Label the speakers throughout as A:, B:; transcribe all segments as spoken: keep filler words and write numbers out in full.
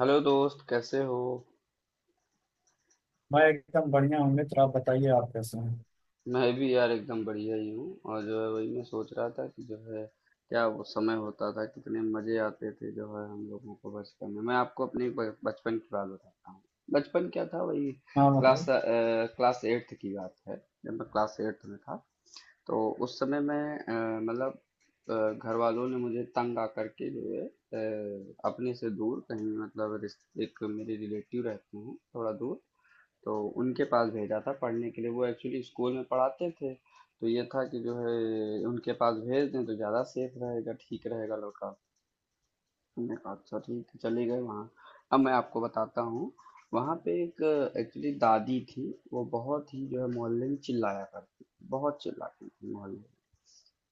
A: Hello दोस्त, कैसे हो?
B: मैं एकदम बढ़िया हूँ मित्र। आप बताइए, आप कैसे हैं?
A: मैं भी यार एकदम बढ़िया ही हूँ। और जो है वही मैं सोच रहा था कि जो है क्या वो समय होता था, कितने मजे आते थे जो है हम लोगों को बचपन में। मैं आपको अपने ब- बचपन की बात बताता हूँ। बचपन क्या था, वही।
B: हाँ
A: क्लास
B: मतलब
A: अ, क्लास एट्थ की बात है। जब मैं क्लास एट्थ में था तो उस समय मैं अ, मतलब अ, घर वालों ने मुझे तंग आकर के जो है अ, अपने से दूर कहीं मतलब रिश्ते- एक मेरे रिलेटिव रहते हैं थोड़ा दूर। तो उनके पास भेजा था पढ़ने के लिए, वो एक्चुअली स्कूल में पढ़ाते थे तो ये था कि जो है उनके पास भेज दें तो ज़्यादा सेफ रहेगा, ठीक रहेगा लड़का। हमने कहा अच्छा ठीक है, चले गए वहाँ। अब मैं आपको बताता हूँ, वहाँ पे एक एक्चुअली दादी थी। वो बहुत ही जो है मोहल्ले में चिल्लाया करती थी, बहुत चिल्लाती थी मोहल्ले में।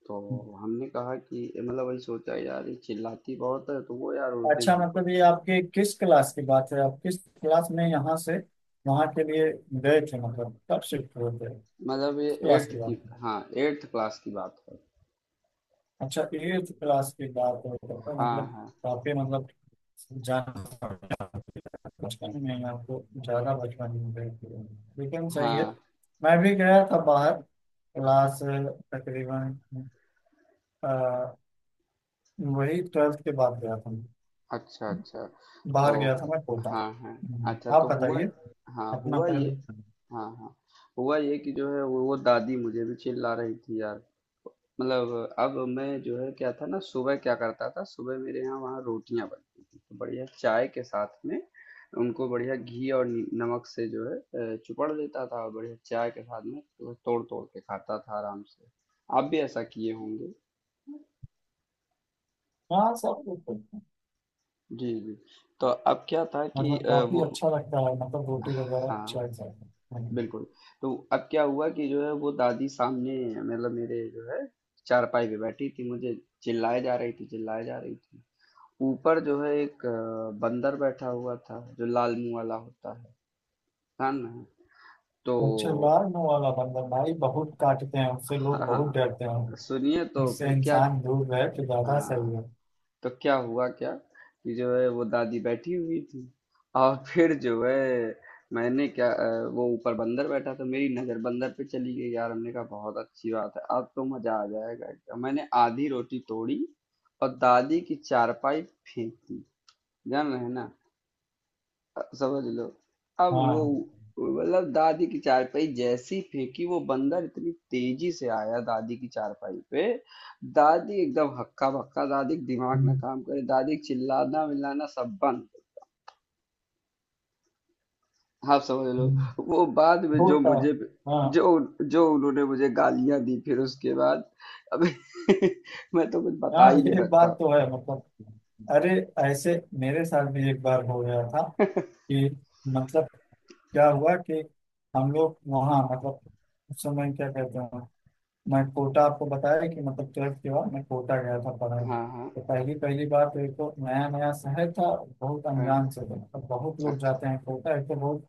A: तो हमने कहा कि मतलब वही सोचा, यार ये चिल्लाती बहुत है तो वो यार उस दिन
B: अच्छा,
A: हमको।
B: मतलब ये आपके किस क्लास की बात है? आप किस क्लास में यहाँ से वहाँ के लिए गए थे? मतलब कब शिफ्ट हुए थे?
A: मतलब ये
B: किस क्लास
A: एट्थ
B: की
A: की,
B: बात है?
A: हाँ एट्थ क्लास की बात है।
B: अच्छा, एट्थ क्लास की बात है, तब तो
A: हाँ,
B: मतलब
A: हाँ,
B: काफी मतलब जान बचपन में ही आपको ज्यादा बचपन में गए थे, लेकिन सही है।
A: हाँ,
B: मैं भी गया था बाहर, क्लास तकरीबन अ, वही ट्वेल्थ के बाद गया था।
A: अच्छा, अच्छा। तो
B: बाहर गया था मैं कोटा।
A: हाँ, हाँ। अच्छा
B: हम्म। आप
A: तो हुआ,
B: बताइए
A: हाँ
B: अपना
A: हुआ ये।
B: पहले।
A: हाँ, हाँ। हुआ ये कि जो है वो, वो दादी मुझे भी चिल्ला रही थी यार। मतलब अब मैं जो है क्या था ना, सुबह क्या करता था, सुबह मेरे यहाँ वहाँ रोटियां बनती थी तो बढ़िया चाय के साथ में। उनको बढ़िया घी और नी- नमक से जो है अ, चुपड़ लेता था और बढ़िया चाय के साथ में तो तोड़ तोड़ के खाता था आराम से। आप भी ऐसा किए होंगे।
B: हाँ सब कुछ है।
A: जी, जी। तो अब क्या था कि
B: मतलब
A: अ,
B: काफी
A: वो।
B: अच्छा लगता है, मतलब रोटी वगैरह अच्छा।
A: हाँ, बिल्कुल। तो अब क्या हुआ कि जो है वो दादी सामने मतलब मेरे जो है चारपाई पे बैठी थी, मुझे चिल्लाए जा रही थी, चिल्लाए जा रही थी। ऊपर जो है एक अ, बंदर बैठा हुआ था जो लाल मुंह वाला होता है। कान में तो।
B: अच्छा, लार्म वाला बंदर भाई बहुत काटते हैं, उससे
A: हाँ,
B: लोग
A: हाँ,
B: बहुत डरते
A: हाँ,
B: हैं।
A: सुनिए तो
B: इससे
A: फिर क्या।
B: इंसान दूर रहे तो ज्यादा
A: हाँ
B: सही है।
A: तो क्या हुआ, क्या कि जो है वो दादी बैठी हुई थी और फिर जो है मैंने क्या, अ, वो ऊपर बंदर बैठा था, मेरी नजर बंदर पे चली गई यार। हमने कहा बहुत अच्छी बात है, अब तो मजा आ जाएगा एकदम। मैंने आधी रोटी तोड़ी और दादी की चारपाई फेंक दी, जान रहे ना, समझ लो। अब वो
B: हाँ।
A: मतलब दादी की चारपाई जैसी फेंकी, वो बंदर इतनी तेजी से आया दादी की चारपाई पे। दादी एकदम हक्का बक्का, दादी का दिमाग ना
B: हम्म,
A: काम करे, दादी का चिल्लाना मिलाना सब बंद। आप समझ लो।
B: हम्म।
A: वो बाद में जो
B: होता है।
A: मुझे,
B: हाँ
A: जो जो उन्होंने मुझे गालियां दी फिर उसके बाद, अब मैं तो कुछ बता
B: हाँ,
A: ही नहीं
B: ये बात
A: सकता।
B: तो है मतलब। अरे ऐसे मेरे साथ भी एक बार हो गया था कि मतलब क्या हुआ कि हम लोग वहाँ मतलब उस समय क्या कहते हैं, मैं कोटा आपको बताया कि मतलब ट्वेल्थ के बाद मैं कोटा गया था पढ़ाई।
A: हाँ, हाँ,
B: तो पहली पहली बार तो एक तो नया नया शहर था, बहुत
A: हाँ,
B: अनजान से था। मतलब बहुत लोग
A: अच्छा,
B: जाते हैं कोटा, एक तो बहुत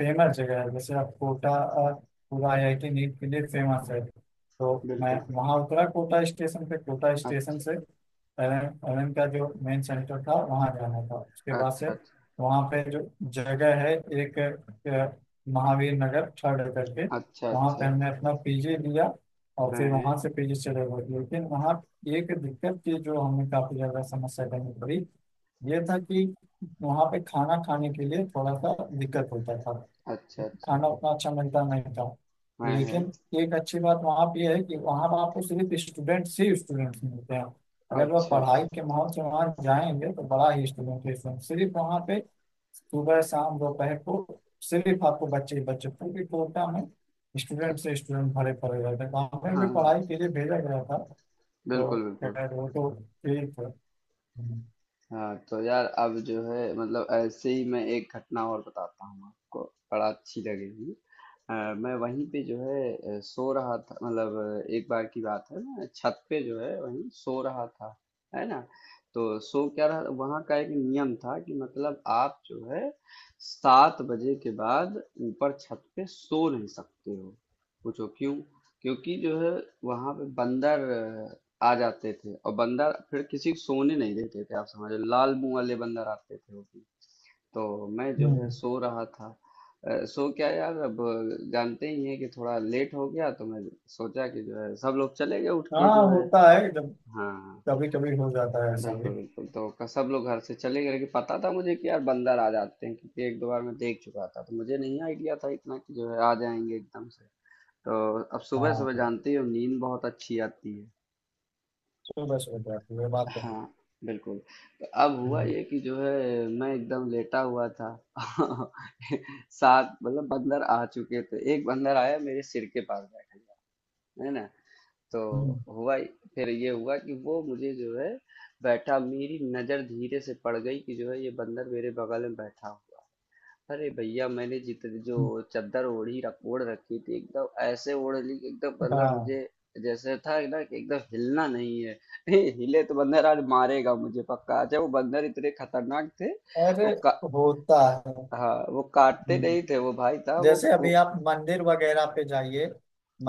B: फेमस जगह है। जैसे आप कोटा अ, पूरा आई आई टी नीट के लिए फेमस है। तो मैं
A: बिल्कुल।
B: वहाँ उतरा कोटा स्टेशन पे, कोटा स्टेशन
A: अच्छा,
B: से एल एन का जो मेन सेंटर था वहाँ जाना था। उसके बाद से
A: अच्छा, अच्छा,
B: वहाँ पे जो जगह है, एक अ, महावीर नगर थर्ड करके,
A: अच्छा,
B: वहाँ पे
A: अच्छा।
B: हमने अपना पी जी लिया। और
A: हाँ
B: फिर
A: है,
B: वहाँ से पी जी चले गए, लेकिन वहाँ एक दिक्कत थी जो हमें काफ़ी ज़्यादा समस्या करनी पड़ी। ये था कि वहाँ पे खाना खाने के लिए थोड़ा सा दिक्कत होता था,
A: अच्छा, अच्छा।
B: खाना उतना अच्छा मिलता नहीं था।
A: हैं, हैं।
B: लेकिन एक अच्छी बात वहाँ पे है कि वहाँ पर आपको सिर्फ स्टूडेंट ही स्टूडेंट्स मिलते हैं। अगर वह
A: अच्छा,
B: पढ़ाई के माहौल से वहाँ जाएंगे तो बड़ा ही स्टूडेंट है student। सिर्फ वहाँ पे सुबह शाम दोपहर को सिर्फ आपको बच्चे ही बच्चे पूरी कोटा में, स्टूडेंट से
A: अच्छा।
B: स्टूडेंट भरे पड़े रहते हैं, वहाँ पे
A: हाँ,
B: भी
A: हाँ।
B: पढ़ाई के लिए भेजा गया था। तो
A: बिल्कुल, बिल्कुल।
B: खैर वो तो ठीक है।
A: हाँ, तो यार अब जो है मतलब ऐसे ही मैं एक घटना और बताता हूँ आपको, बड़ा अच्छी लगेगी। अ, मैं वहीं पे जो है अ, सो रहा था मतलब अ, एक बार की बात है, मैं छत पे जो है वहीं सो रहा था, है ना। तो सो क्या रहा, वहाँ का एक नियम था कि मतलब आप जो है सात बजे के बाद ऊपर छत पे सो नहीं सकते हो। पूछो क्यों? क्योंकि जो है वहाँ पे बंदर आ जाते थे और बंदर फिर किसी को सोने नहीं देते थे। आप समझो, लाल मुंह वाले बंदर आते थे वो भी। तो मैं जो है
B: हम्म।
A: सो रहा था। अ, सो क्या यार, अब जानते ही हैं कि थोड़ा लेट हो गया तो मैं सोचा कि जो है सब लोग चले गए, उठ के
B: हाँ
A: जो है।
B: होता है, जब
A: हाँ,
B: कभी कभी हो जाता है ऐसा भी।
A: बिल्कुल, बिल्कुल। तो क- सब लोग घर से चले गए, लेकिन पता था मुझे कि यार बंदर आ जाते हैं क्योंकि एक दो बार मैं देख चुका था, तो मुझे नहीं आइडिया था इतना कि जो है आ जाएंगे एकदम से। तो अब सुबह
B: हाँ
A: सुबह जानते ही हो, नींद बहुत अच्छी आती है।
B: सुबह सुबह जाती है, बात तो है।
A: हाँ, बिल्कुल। तो अब हुआ
B: हम्म,
A: ये कि जो है मैं एकदम लेटा हुआ था। सात मतलब बंदर आ चुके थे, एक बंदर आया मेरे सिर के पास बैठ गया, है ना। तो
B: हम्म,
A: हुआ, फिर ये हुआ कि वो मुझे जो है बैठा, मेरी नजर धीरे से पड़ गई कि जो है ये बंदर मेरे बगल में बैठा हुआ है। अरे भैया, मैंने जितनी जो
B: हम्म,
A: चादर ओढ़ी रख ओढ़ रखी थी एकदम ऐसे ओढ़ ली कि एकदम
B: हम्म।
A: मतलब
B: हाँ।
A: मुझे, जैसे था ना कि एकदम हिलना नहीं है। हिले तो बंदर आज मारेगा मुझे पक्का, अच्छा वो बंदर इतने खतरनाक थे। वो
B: अरे
A: का,
B: होता है।
A: हाँ वो काटते
B: हम्म,
A: नहीं थे, वो भाई था। वो
B: जैसे
A: को,
B: अभी आप मंदिर वगैरह पे जाइए,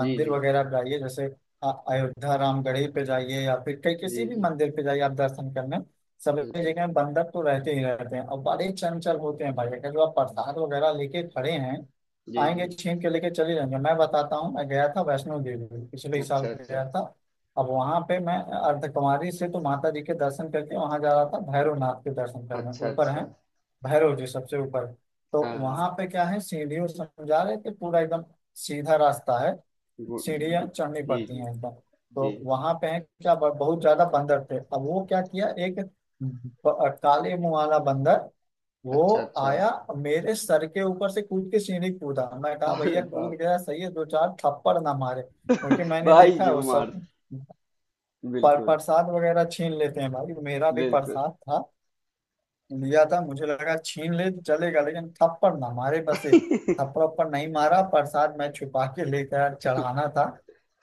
A: जी, जी।
B: वगैरह पे जाइए, जैसे अ- अयोध्या रामगढ़ी पे जाइए, या फिर कहीं किसी
A: जी,
B: भी
A: जी,
B: मंदिर पे जाइए आप दर्शन करने, सभी
A: बिल्कुल।
B: जगह बंधक तो रहते ही रहते हैं और बड़े चंचल होते हैं भाई। अगर जो आप प्रसाद वगैरह लेके खड़े हैं,
A: जी, जी।
B: आएंगे छीन के लेके चले जाएंगे। मैं बताता हूँ, मैं गया था वैष्णो देवी, पिछले साल
A: अच्छा, अच्छा।
B: गया था। अब वहां पे मैं अर्धकुमारी से तो माता जी के दर्शन करके वहां जा रहा था भैरवनाथ के दर्शन करने,
A: अच्छा,
B: ऊपर है
A: अच्छा।
B: भैरव जी सबसे ऊपर। तो
A: हाँ,
B: वहां
A: हाँ।
B: पे क्या है, सीढ़ियों समझा रहे थे पूरा एकदम सीधा रास्ता है,
A: गु,
B: सीढ़ियां
A: गु,
B: चढ़नी
A: जी,
B: पड़ती
A: जी,
B: हैं एकदम। तो
A: जी।
B: वहां पे है क्या, ब- बहुत ज्यादा बंदर थे। अब वो क्या किया, एक ब- काले मुंह वाला बंदर वो
A: अच्छा, अच्छा।
B: आया, मेरे सर के ऊपर से कूद के सीढ़ी कूदा। मैं कहा
A: अरे
B: भैया कूद
A: बाप!
B: गया सही है, दो चार थप्पड़ ना मारे, क्योंकि मैंने
A: भाई
B: देखा है
A: जो
B: वो
A: मार।
B: सब पर
A: बिल्कुल,
B: प्रसाद वगैरह छीन लेते हैं भाई। मेरा भी
A: बिल्कुल।
B: प्रसाद था, लिया था, मुझे लगा छीन ले तो चलेगा लेकिन थप्पड़ ना मारे बस एक। थप्पड़ उप्पड़ नहीं मारा, प्रसाद मैं छुपा के लेकर चढ़ाना था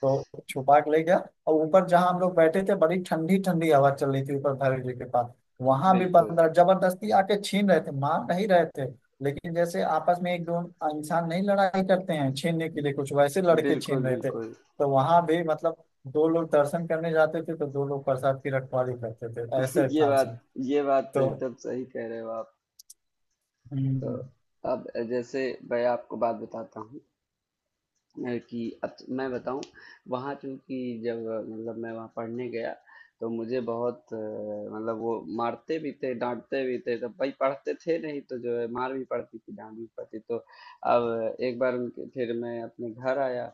B: तो छुपा के ले गया। और ऊपर जहाँ हम लोग बैठे थे बड़ी ठंडी ठंडी हवा चल रही थी ऊपर भैरव जी के पास। वहां भी
A: बिल्कुल,
B: बंदर जबरदस्ती आके छीन रहे थे, मार नहीं रहे थे, लेकिन जैसे आपस में एक दो इंसान नहीं लड़ाई करते हैं छीनने के लिए कुछ, वैसे लड़के
A: बिल्कुल,
B: छीन रहे थे।
A: बिल्कुल।
B: तो वहां भी मतलब दो लोग दर्शन करने जाते थे तो दो लोग प्रसाद की रखवाली करते थे, ऐसे
A: ये
B: था सीन।
A: बात ये बात तो
B: तो
A: एकदम सही कह रहे हो आप। तो,
B: हम्म।
A: अब जैसे मैं आपको बात बताता हूँ अ, कि अब तो मैं बताऊँ, वहाँ चूँकि जब मतलब मैं वहाँ पढ़ने गया तो मुझे बहुत अ, मतलब वो मारते भी थे, डाँटते भी थे, तो भाई पढ़ते थे नहीं तो जो है मार भी पड़ती थी, डाँट भी पड़ती। तो अब एक बार उनके, फिर मैं अपने घर आया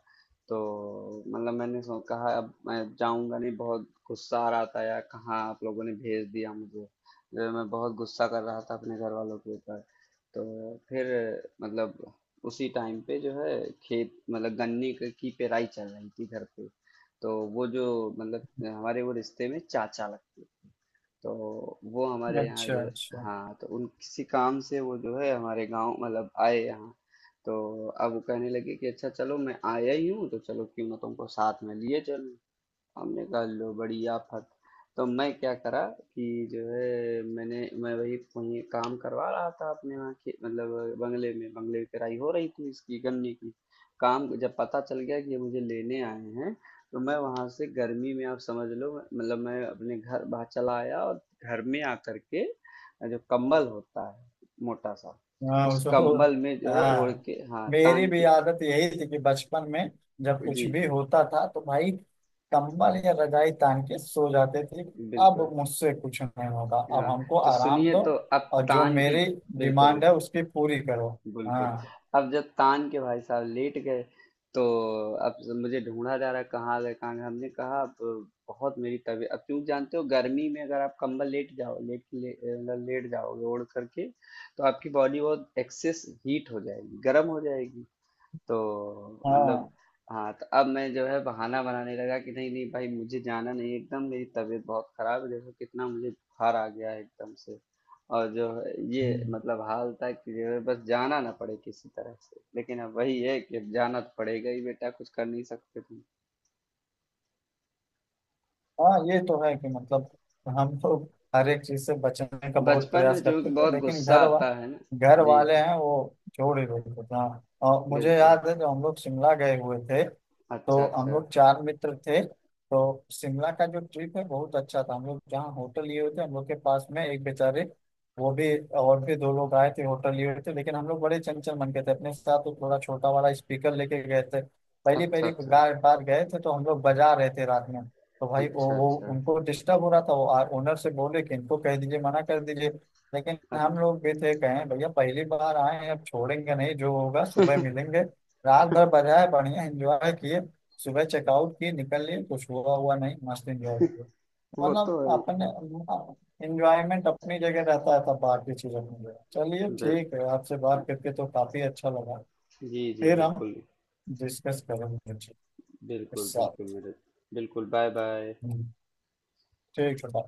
A: तो मतलब मैंने सो कहा अब मैं जाऊँगा नहीं, बहुत गुस्सा आ रहा था यार, कहाँ आप लोगों ने भेज दिया मुझे। जो है मैं बहुत गुस्सा कर रहा था अपने घर वालों के ऊपर। तो फिर मतलब उसी टाइम पे जो है खेत मतलब गन्ने क- की पेराई चल रही थी घर पे। तो वो जो मतलब हमारे वो रिश्ते में चाचा लगते, तो वो हमारे यहाँ
B: अच्छा
A: जो,
B: अच्छा।
A: हाँ तो उन किसी काम से वो जो है हमारे गांव मतलब आए यहाँ। तो अब वो कहने लगे कि अच्छा चलो, मैं आया ही हूँ तो चलो क्यों ना तुमको साथ में लिए चलूँ। हमने कहा लो बड़ी आफत। तो मैं क्या करा कि जो है मैंने मैं वही वही काम करवा रहा था अपने वहाँ के मतलब बंगले में, बंगले की किराई हो रही थी इसकी गन्ने की। काम, जब पता चल गया कि ये मुझे लेने आए हैं, तो मैं वहाँ से गर्मी में आप समझ लो मतलब मैं अपने घर बाहर चला आया और घर में आकर के जो कंबल होता है मोटा सा,
B: हाँ
A: उस
B: तो
A: कंबल में जो है ओढ़
B: हाँ,
A: के हाँ
B: मेरी
A: तान
B: भी
A: के।
B: आदत यही थी कि बचपन में जब
A: जी,
B: कुछ भी होता था तो भाई कंबल या रजाई तान के सो जाते थे।
A: जी,
B: अब
A: बिल्कुल।
B: मुझसे कुछ नहीं होगा, अब
A: हाँ
B: हमको
A: तो
B: आराम
A: सुनिए,
B: दो
A: तो अब
B: और जो
A: तान के।
B: मेरी
A: बिल्कुल,
B: डिमांड है
A: बिल्कुल,
B: उसकी पूरी करो।
A: बिल्कुल।
B: हाँ
A: अब जब तान के भाई साहब लेट गए, तो अब जब मुझे ढूंढा जा रहा है, कहाँ गए कहाँ गए, हमने कहा अब बहुत मेरी तबीयत। अब क्यों, जानते हो, गर्मी में अगर आप कंबल लेट जाओ लेट ले, मतलब लेट जाओगे ओढ़ करके तो आपकी बॉडी बहुत एक्सेस हीट हो जाएगी, गर्म हो जाएगी तो मतलब
B: हाँ।
A: हाँ। तो अब मैं जो है बहाना बनाने लगा कि नहीं नहीं भाई मुझे जाना नहीं है, एकदम मेरी तबीयत बहुत खराब है, देखो कितना मुझे बुखार आ गया है एकदम से। और जो है ये
B: हम्म।
A: मतलब हाल था कि जो है बस जाना ना पड़े किसी तरह से, लेकिन अब वही है कि अब जाना तो पड़ेगा ही बेटा, कुछ कर नहीं सकते तुम।
B: हाँ ये तो है कि मतलब हम तो हर एक चीज से बचने का बहुत
A: बचपन में
B: प्रयास
A: जो कि
B: करते थे
A: बहुत
B: लेकिन
A: गुस्सा
B: घर वा,
A: आता है ना।
B: घर
A: जी,
B: वाले
A: जी,
B: हैं वो छोड़ ही देते थे। हाँ, और मुझे
A: बिल्कुल।
B: याद है जब हम लोग शिमला गए हुए थे,
A: अच्छा,
B: तो हम
A: अच्छा,
B: लोग चार मित्र थे, तो शिमला का जो ट्रिप है बहुत अच्छा था। हम लोग जहाँ होटल लिए हुए थे, हम लोग के पास में एक बेचारे, वो भी और भी दो लोग आए थे होटल लिए हुए थे। लेकिन हम लोग बड़े चंचल मन के थे, अपने साथ तो थोड़ा छोटा वाला स्पीकर लेके गए थे। पहली
A: अच्छा,
B: पहली
A: अच्छा,
B: बार बार गए थे तो हम लोग बजा रहे थे रात में। तो भाई वो
A: अच्छा,
B: वो
A: अच्छा,
B: उनको डिस्टर्ब हो रहा था, वो ओनर से बोले कि इनको कह दीजिए, मना कर दीजिए। लेकिन हम
A: अच्छा।
B: लोग भी थे, कहें भैया पहली बार आए हैं, अब छोड़ेंगे नहीं, जो होगा सुबह मिलेंगे। रात भर बजाए, बढ़िया एंजॉय किए, सुबह चेकआउट किए निकल लिए, कुछ हुआ हुआ नहीं, मस्त एंजॉय किया।
A: वो
B: मतलब
A: तो है
B: अपने
A: ही।
B: एंजॉयमेंट अपनी जगह रहता है, तब बाकी चीज अपनी जगह। चलिए
A: बिल-
B: ठीक है, आपसे बात करके तो काफी अच्छा लगा।
A: जी, जी,
B: फिर हम
A: बिल्कुल।
B: डिस्कस करेंगे इस
A: बिल्कुल, बिल्कुल,
B: साथ।
A: मेरे। बिल्कुल, बाय-बाय।
B: हम्म, ठीक है बाय।